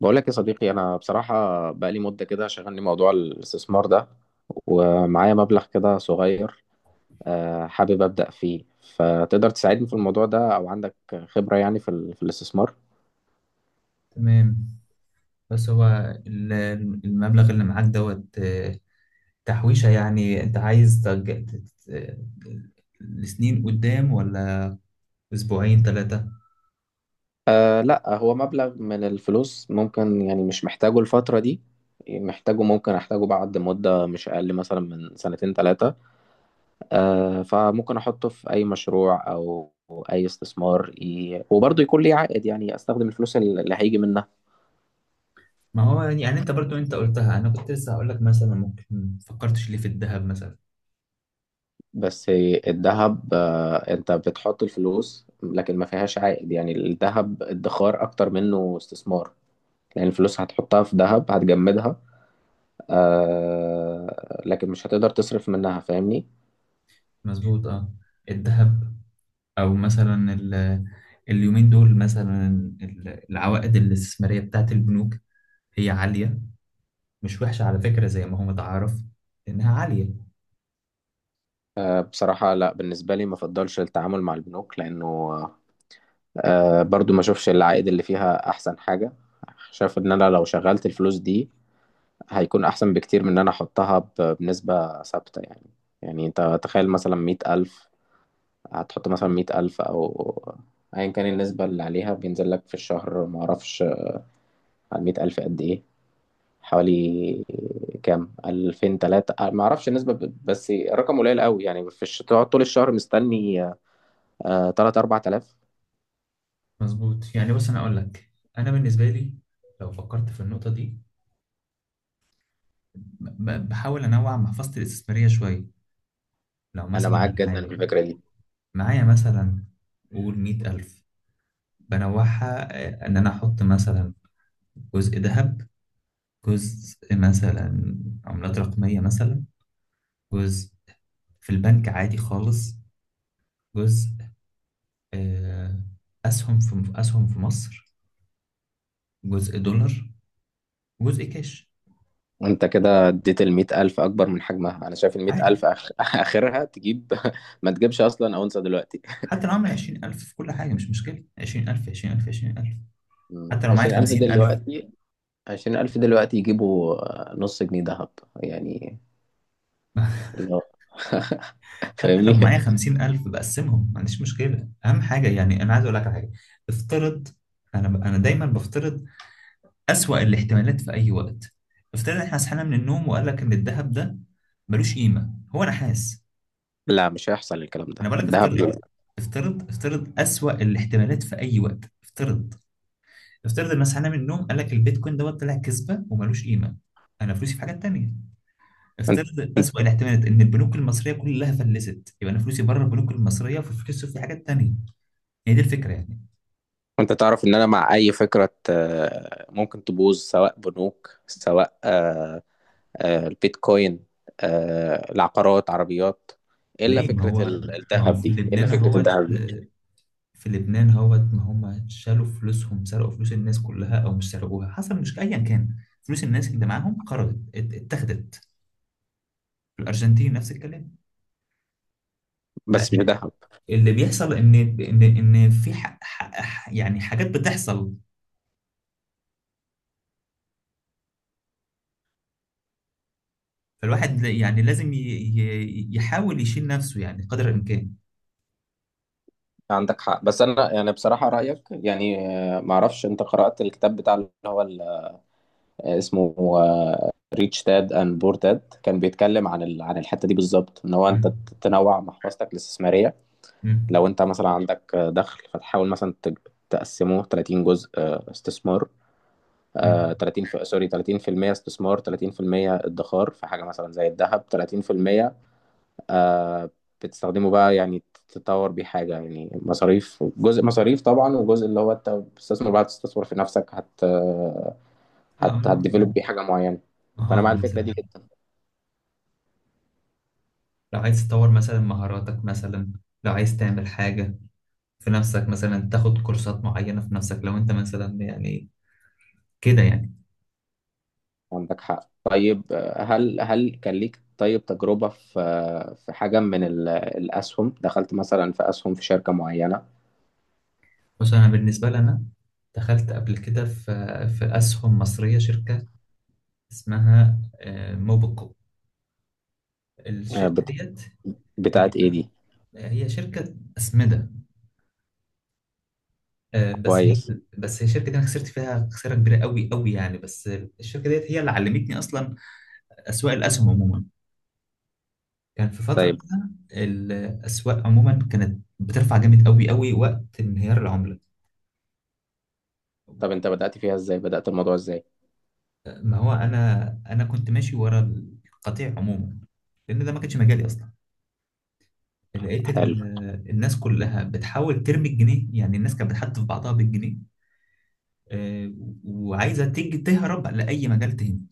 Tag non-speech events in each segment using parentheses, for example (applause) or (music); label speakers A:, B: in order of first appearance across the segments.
A: بقول لك يا صديقي، انا بصراحه بقالي مده كده شغلني موضوع الاستثمار ده، ومعايا مبلغ كده صغير، آه، حابب ابدا فيه. فتقدر تساعدني في الموضوع ده او عندك خبره يعني في الاستثمار؟
B: تمام. بس هو ال- المبلغ اللي معاك دوت تحويشة. يعني انت عايز لسنين قدام، ولا اسبوعين ثلاثة؟
A: آه لا، هو مبلغ من الفلوس، ممكن يعني مش محتاجه الفتره دي، محتاجه، ممكن احتاجه بعد مده مش اقل مثلا من سنتين ثلاثه. آه، فممكن احطه في اي مشروع او اي استثمار، وبرضه يكون ليه عائد، يعني استخدم الفلوس اللي هيجي منها.
B: ما هو يعني انت برضو انت قلتها، انا كنت لسه هقول لك مثلا: ممكن فكرتش ليه في الذهب مثلا؟
A: بس الذهب، آه، انت بتحط الفلوس لكن ما فيهاش عائد، يعني الذهب ادخار اكتر منه استثمار، لان الفلوس هتحطها في ذهب هتجمدها. آه، لكن مش هتقدر تصرف منها، فاهمني؟
B: مظبوط، اه. الذهب، او مثلا اليومين دول، مثلا العوائد الاستثمارية بتاعت البنوك هي عالية، مش وحشة على فكرة، زي ما هو متعارف انها عالية.
A: آه، بصراحة لا، بالنسبة لي ما افضلش التعامل مع البنوك، لانه آه، برضو ما اشوفش العائد اللي فيها احسن حاجة. شايف ان انا لو شغلت الفلوس دي هيكون احسن بكتير من ان انا احطها بنسبة ثابتة يعني. يعني انت تخيل مثلا مئة ألف، هتحط مثلا مية ألف أو أيا كان النسبة اللي عليها بينزل لك في الشهر، معرفش. على مية ألف قد إيه؟ حوالي كام، ألفين تلاتة؟ معرفش النسبة، بس الرقم قليل قوي يعني. في تقعد طول الشهر مستني آه، تلات أربع تلاف.
B: مظبوط. يعني بص، انا اقول لك، انا بالنسبه لي لو فكرت في النقطه دي، بحاول انوع محفظتي الاستثماريه شويه. لو
A: أنا
B: مثلا
A: معاك جدا في
B: معايا
A: الفكرة دي.
B: معايا مثلا، قول 100,000، بنوعها. إن أنا أحط مثلا جزء ذهب، جزء مثلا عملات رقمية، مثلا جزء في البنك عادي خالص، جزء آه، أسهم في مصر، جزء دولار، جزء كاش.
A: أنت كده اديت المية ألف أكبر من حجمها، أنا شايف المية
B: عادي،
A: ألف (laughs) آخرها تجيب (laughs) ما تجيبش أصلا أونصة دلوقتي.
B: حتى لو عامل 20,000 في كل حاجة مش مشكلة. 20,000، 20,000، 20,000.
A: مم.
B: حتى لو معايا
A: عشرين ألف
B: 50,000.
A: دلوقتي. عشرين ألف دلوقتي يجيبوا آه، نص جنيه دهب يعني.
B: (laughs)
A: اللي هو (laughs)
B: حتى لو معايا
A: فاهمني.
B: 50,000 بقسمهم، ما عنديش مشكلة. أهم حاجة يعني أنا عايز أقول لك على حاجة: افترض. أنا دايما بفترض أسوأ الاحتمالات في أي وقت. افترض إحنا صحينا من النوم وقال لك إن الذهب ده ملوش قيمة، هو نحاس.
A: لا مش هيحصل الكلام
B: أنا
A: ده،
B: بقول لك
A: الذهب ليه.
B: افترض. افترض، افترض أسوأ الاحتمالات في أي وقت. افترض، افترض إن صحينا من النوم قال لك البيتكوين دوت طلع كذبة وملوش قيمة. أنا فلوسي في حاجات تانية.
A: انت
B: افترض
A: انت
B: أسوأ الاحتمالات إن البنوك المصرية كلها فلست، يبقى أنا فلوسي بره البنوك المصرية وفلوسي في حاجات تانية. هي دي الفكرة يعني.
A: انت تعرف ان انا مع اي فكرة آه، ممكن تبوظ، سواء بنوك، سواء آه، آه، البيتكوين، آه، العقارات، عربيات. إيه الا
B: ليه؟ ما
A: فكرة
B: هو
A: ال-
B: ما هو
A: الذهب
B: في
A: دي، إيه الا
B: لبنان
A: فكرة
B: اهوت.
A: الذهب دي؟
B: ما هم شالوا فلوسهم، سرقوا فلوس الناس كلها، أو مش سرقوها، حصل، مش أيا كان. فلوس الناس اللي معاهم خرجت، اتاخدت. في الأرجنتين نفس الكلام.
A: بس مش ذهب.
B: فاللي بيحصل إن في يعني حاجات بتحصل. فالواحد يعني لازم يحاول يشيل نفسه يعني قدر الإمكان.
A: عندك حق، بس انا يعني بصراحة رأيك يعني، آه، ما اعرفش، انت قرأت الكتاب بتاع اللي هو اسمه ريتش داد اند بور داد؟ كان بيتكلم عن عن الحته دي بالظبط، ان هو انت
B: مم.
A: تنوع محفظتك الاستثماريه.
B: مم.
A: لو انت مثلا عندك دخل فتحاول مثلا تقسمه 30 جزء، آه، استثمار، آه،
B: مم.
A: 30 في سوري، 30% استثمار، 30% ادخار في حاجه مثلا زي الذهب، 30% آه، بتستخدمه بقى يعني، تطور بيه حاجه، يعني مصاريف، جزء مصاريف طبعا، وجزء اللي هو انت بتستثمر بقى، تستثمر في نفسك، هت
B: اه،
A: هت
B: لا.
A: هتديفلوب بيه حاجه معينه. فانا
B: مهارة
A: مع الفكره
B: مثلا.
A: دي جدا.
B: لو عايز تطور مثلا مهاراتك مثلا، لو عايز تعمل حاجة في نفسك مثلا، تاخد كورسات معينة في نفسك. لو انت مثلا يعني كده يعني.
A: عندك حق. طيب آه، هل كان ليك طيب تجربه في آه، في حاجه من الاسهم، دخلت مثلا في اسهم في شركه معينه؟
B: بس انا بالنسبة لي، انا دخلت قبل كده في اسهم مصرية، شركة اسمها موبيكو.
A: آه،
B: الشركة
A: بت-
B: ديت هي
A: بتاعت ايه دي؟
B: هي شركة أسمدة. آه، بس هي
A: كويس.
B: بس هي الشركة دي أنا خسرت فيها خسارة كبيرة قوي قوي يعني. بس الشركة ديت هي اللي علمتني أصلا أسواق الأسهم عموما. كان في فترة
A: طيب،
B: كده الأسواق عموما كانت بترفع جامد قوي قوي وقت انهيار العملة.
A: طب انت بدأت فيها ازاي، بدأت الموضوع ازاي؟
B: ما هو أنا كنت ماشي ورا القطيع عموما، لأن ده ما كانش مجالي أصلا. لقيت
A: حلو.
B: الناس كلها بتحاول ترمي الجنيه، يعني الناس كانت بتحدف بعضها بالجنيه، آه، وعايزة تيجي تهرب لأي مجال تاني.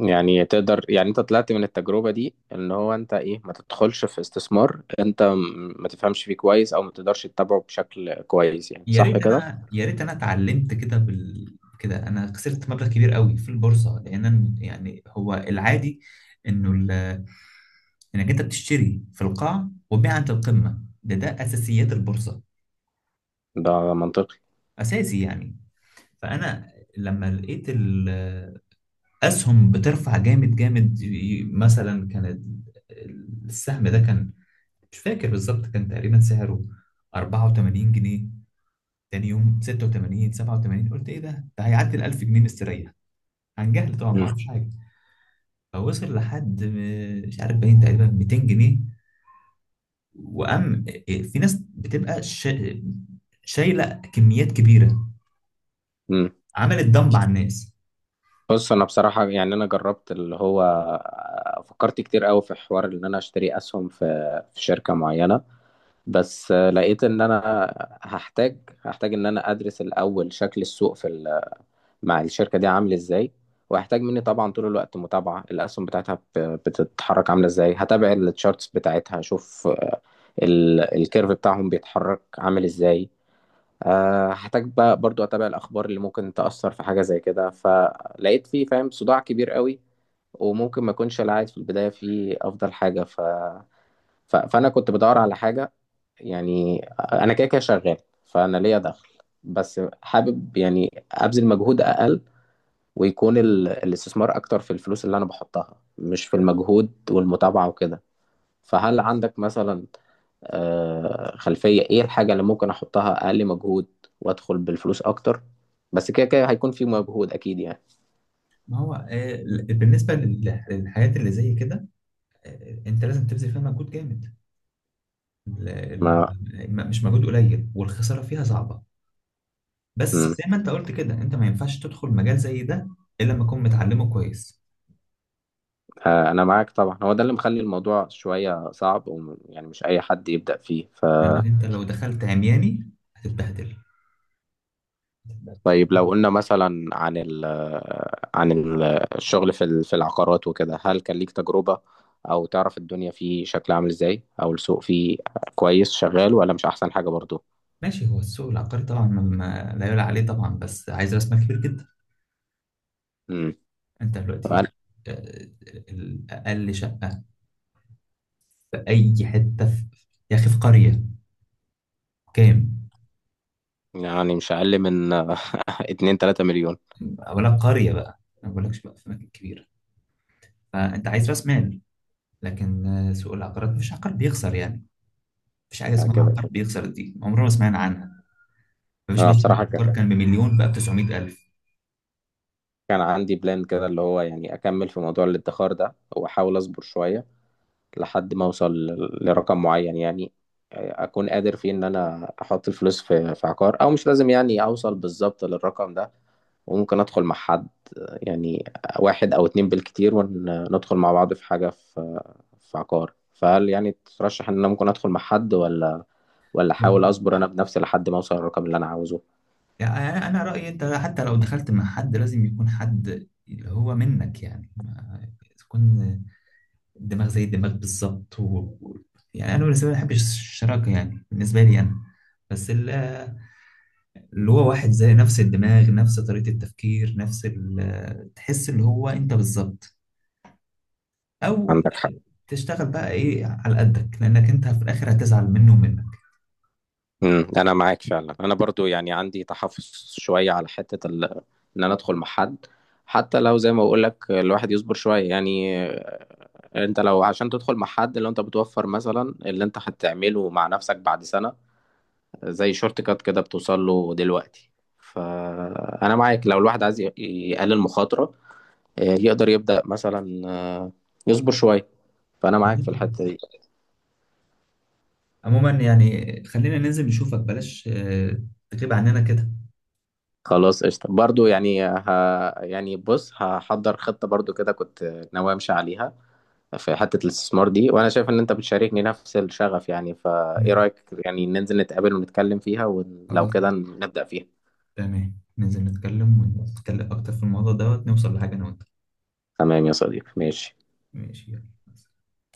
A: يعني تقدر يعني انت طلعت من التجربة دي ان هو انت ايه، ما تدخلش في استثمار انت ما تفهمش فيه كويس او ما تقدرش تتابعه بشكل كويس، يعني
B: يا
A: صح
B: ريت
A: كده؟
B: أنا يا ريت أنا اتعلمت كده. كده أنا خسرت مبلغ كبير قوي في البورصة، لأن يعني هو العادي إنه انك انت بتشتري في القاع وتبيع عند القمه. ده اساسيات البورصه،
A: ده منطقي.
B: اساسي يعني. فانا لما لقيت الاسهم بترفع جامد جامد، مثلا السهم ده كان، مش فاكر بالظبط، كان تقريبا سعره 84 جنيه. تاني يوم 86، 87. قلت: ايه ده؟ ده هيعدي ال 1000 جنيه مستريح. عن جهل طبعا، ما اعرفش حاجه. فوصل لحد مش عارف، باين تقريبا 200 جنيه. وأم، في ناس بتبقى شايلة كميات كبيرة،
A: امم.
B: عملت دمب على الناس.
A: بص انا بصراحه يعني انا جربت اللي هو آه، فكرت كتير قوي في حوار ان انا اشتري اسهم، في في شركه معينه، بس لقيت ان انا هحتاج هحتاج ان انا ادرس الاول شكل السوق في مع الشركه دي عامل ازاي، وهحتاج مني طبعا طول الوقت متابعه الاسهم بتاعتها بتتحرك عامله ازاي، هتابع التشارتس بتاعتها، اشوف الكيرف بتاعهم بيتحرك عامل ازاي، آه، هحتاج بقى برضو اتابع الاخبار اللي ممكن تاثر في حاجه زي كده، فلقيت فيه فاهم صداع كبير قوي، وممكن ما اكونش العائد في البدايه فيه افضل حاجه فانا كنت بدور على حاجه، يعني انا كده كده شغال، فانا ليا دخل، بس حابب يعني ابذل مجهود اقل، ويكون الاستثمار اكتر في الفلوس اللي انا بحطها، مش في المجهود والمتابعه وكده. فهل عندك مثلا آه، خلفية ايه الحاجة اللي ممكن احطها اقل مجهود وادخل بالفلوس اكتر؟ بس كده كده هيكون في مجهود اكيد يعني.
B: ما هو بالنسبة للحاجات اللي زي كده، أنت لازم تبذل فيها مجهود جامد. ال-
A: ما
B: مش مجهود قليل، والخسارة فيها صعبة. بس
A: مم.
B: زي ما أنت قلت كده، أنت ما ينفعش تدخل مجال زي ده إلا لما تكون متعلمه كويس.
A: آه، انا معاك طبعا، هو ده اللي مخلي الموضوع شوية صعب يعني مش اي حد يبدأ فيه. ف
B: لأنك أنت لو دخلت عمياني هتتبهدل. هتتبهدل.
A: طيب، لو قلنا مثلا عن ال عن ال- الشغل في في العقارات وكده، هل كان ليك تجربة او تعرف الدنيا فيه شكلها عامل ازاي، او السوق فيه كويس شغال ولا مش احسن حاجة برضو؟
B: ماشي. هو السوق العقاري طبعا، لا يعلى عليه طبعا. بس عايز راس مال كبير جدا.
A: امم.
B: انت دلوقتي آه، اقل شقه في اي حته يا اخي في قريه، كام؟
A: يعني مش أقل من (laughs) اتنين تلاتة مليون.
B: ولا قريه بقى، ما بقولكش بقى في اماكن كبيره. فانت عايز راس مال. لكن سوق العقارات مفيش عقار بيخسر يعني. مفيش حاجه اسمها
A: هكذا.
B: عقار بيخسر، دي عمرنا ما سمعنا عنها. مفيش
A: أنا
B: مثلا
A: بصراحة كان
B: عقار كان بمليون بقى ب 900,000.
A: كان عندي بلان كده اللي هو يعني أكمل في موضوع الادخار ده وأحاول أصبر شوية لحد ما أوصل لرقم معين يعني، أكون قادر فيه إن أنا أحط الفلوس في في عقار، أو مش لازم يعني أوصل بالظبط للرقم ده، وممكن أدخل مع حد يعني، واحد أو اتنين بالكتير، وندخل مع بعض في حاجة في في عقار. فهل يعني ترشح إن أنا ممكن أدخل مع حد، ولا
B: هو
A: أحاول أصبر أنا بنفسي لحد ما أوصل للرقم اللي أنا عاوزه؟
B: يعني أنا رايي، انت حتى لو دخلت مع حد لازم يكون حد اللي هو منك، يعني ما تكون الدماغ زي الدماغ بالظبط. و- يعني انا بالنسبه لي ما بحبش الشراكه. يعني بالنسبه لي انا، بس اللي هو واحد زي، نفس الدماغ، نفس طريقه التفكير، نفس تحس اللي هو انت بالظبط. او
A: عندك حق.
B: تشتغل بقى ايه على قدك، لانك انت في الاخر هتزعل منه ومنك.
A: امم. انا معاك فعلا، انا برضو يعني عندي تحفظ شويه على حته ان انا ادخل مع حد، حتى لو زي ما بقول لك الواحد يصبر شويه يعني، آه، انت لو عشان تدخل مع حد، لو انت بتوفر مثلا اللي انت هتعمله مع نفسك بعد سنه، زي شورت كات كده بتوصل له دلوقتي. فانا معاك لو الواحد عايز يقلل مخاطره، آه، يقدر يبدا مثلا آه، يصبر شويه، فانا معاك في
B: بالظبط كده.
A: الحته دي.
B: عموما يعني خلينا ننزل نشوفك، بلاش تغيب عننا كده.
A: خلاص قشطة، برضو يعني يعني بص، هحضر خطة برضو كده كنت ناوي امشي عليها في حتة الاستثمار دي، وانا شايف ان انت بتشاركني نفس الشغف يعني، فايه
B: تمام.
A: رأيك يعني ننزل نتقابل ونتكلم فيها، ولو
B: خلاص.
A: كده نبدأ فيها؟
B: تمام، ننزل نتكلم ونتكلم اكتر في الموضوع دوت نوصل لحاجه انا وانت.
A: تمام يا صديقي، ماشي.
B: ماشي، يلا.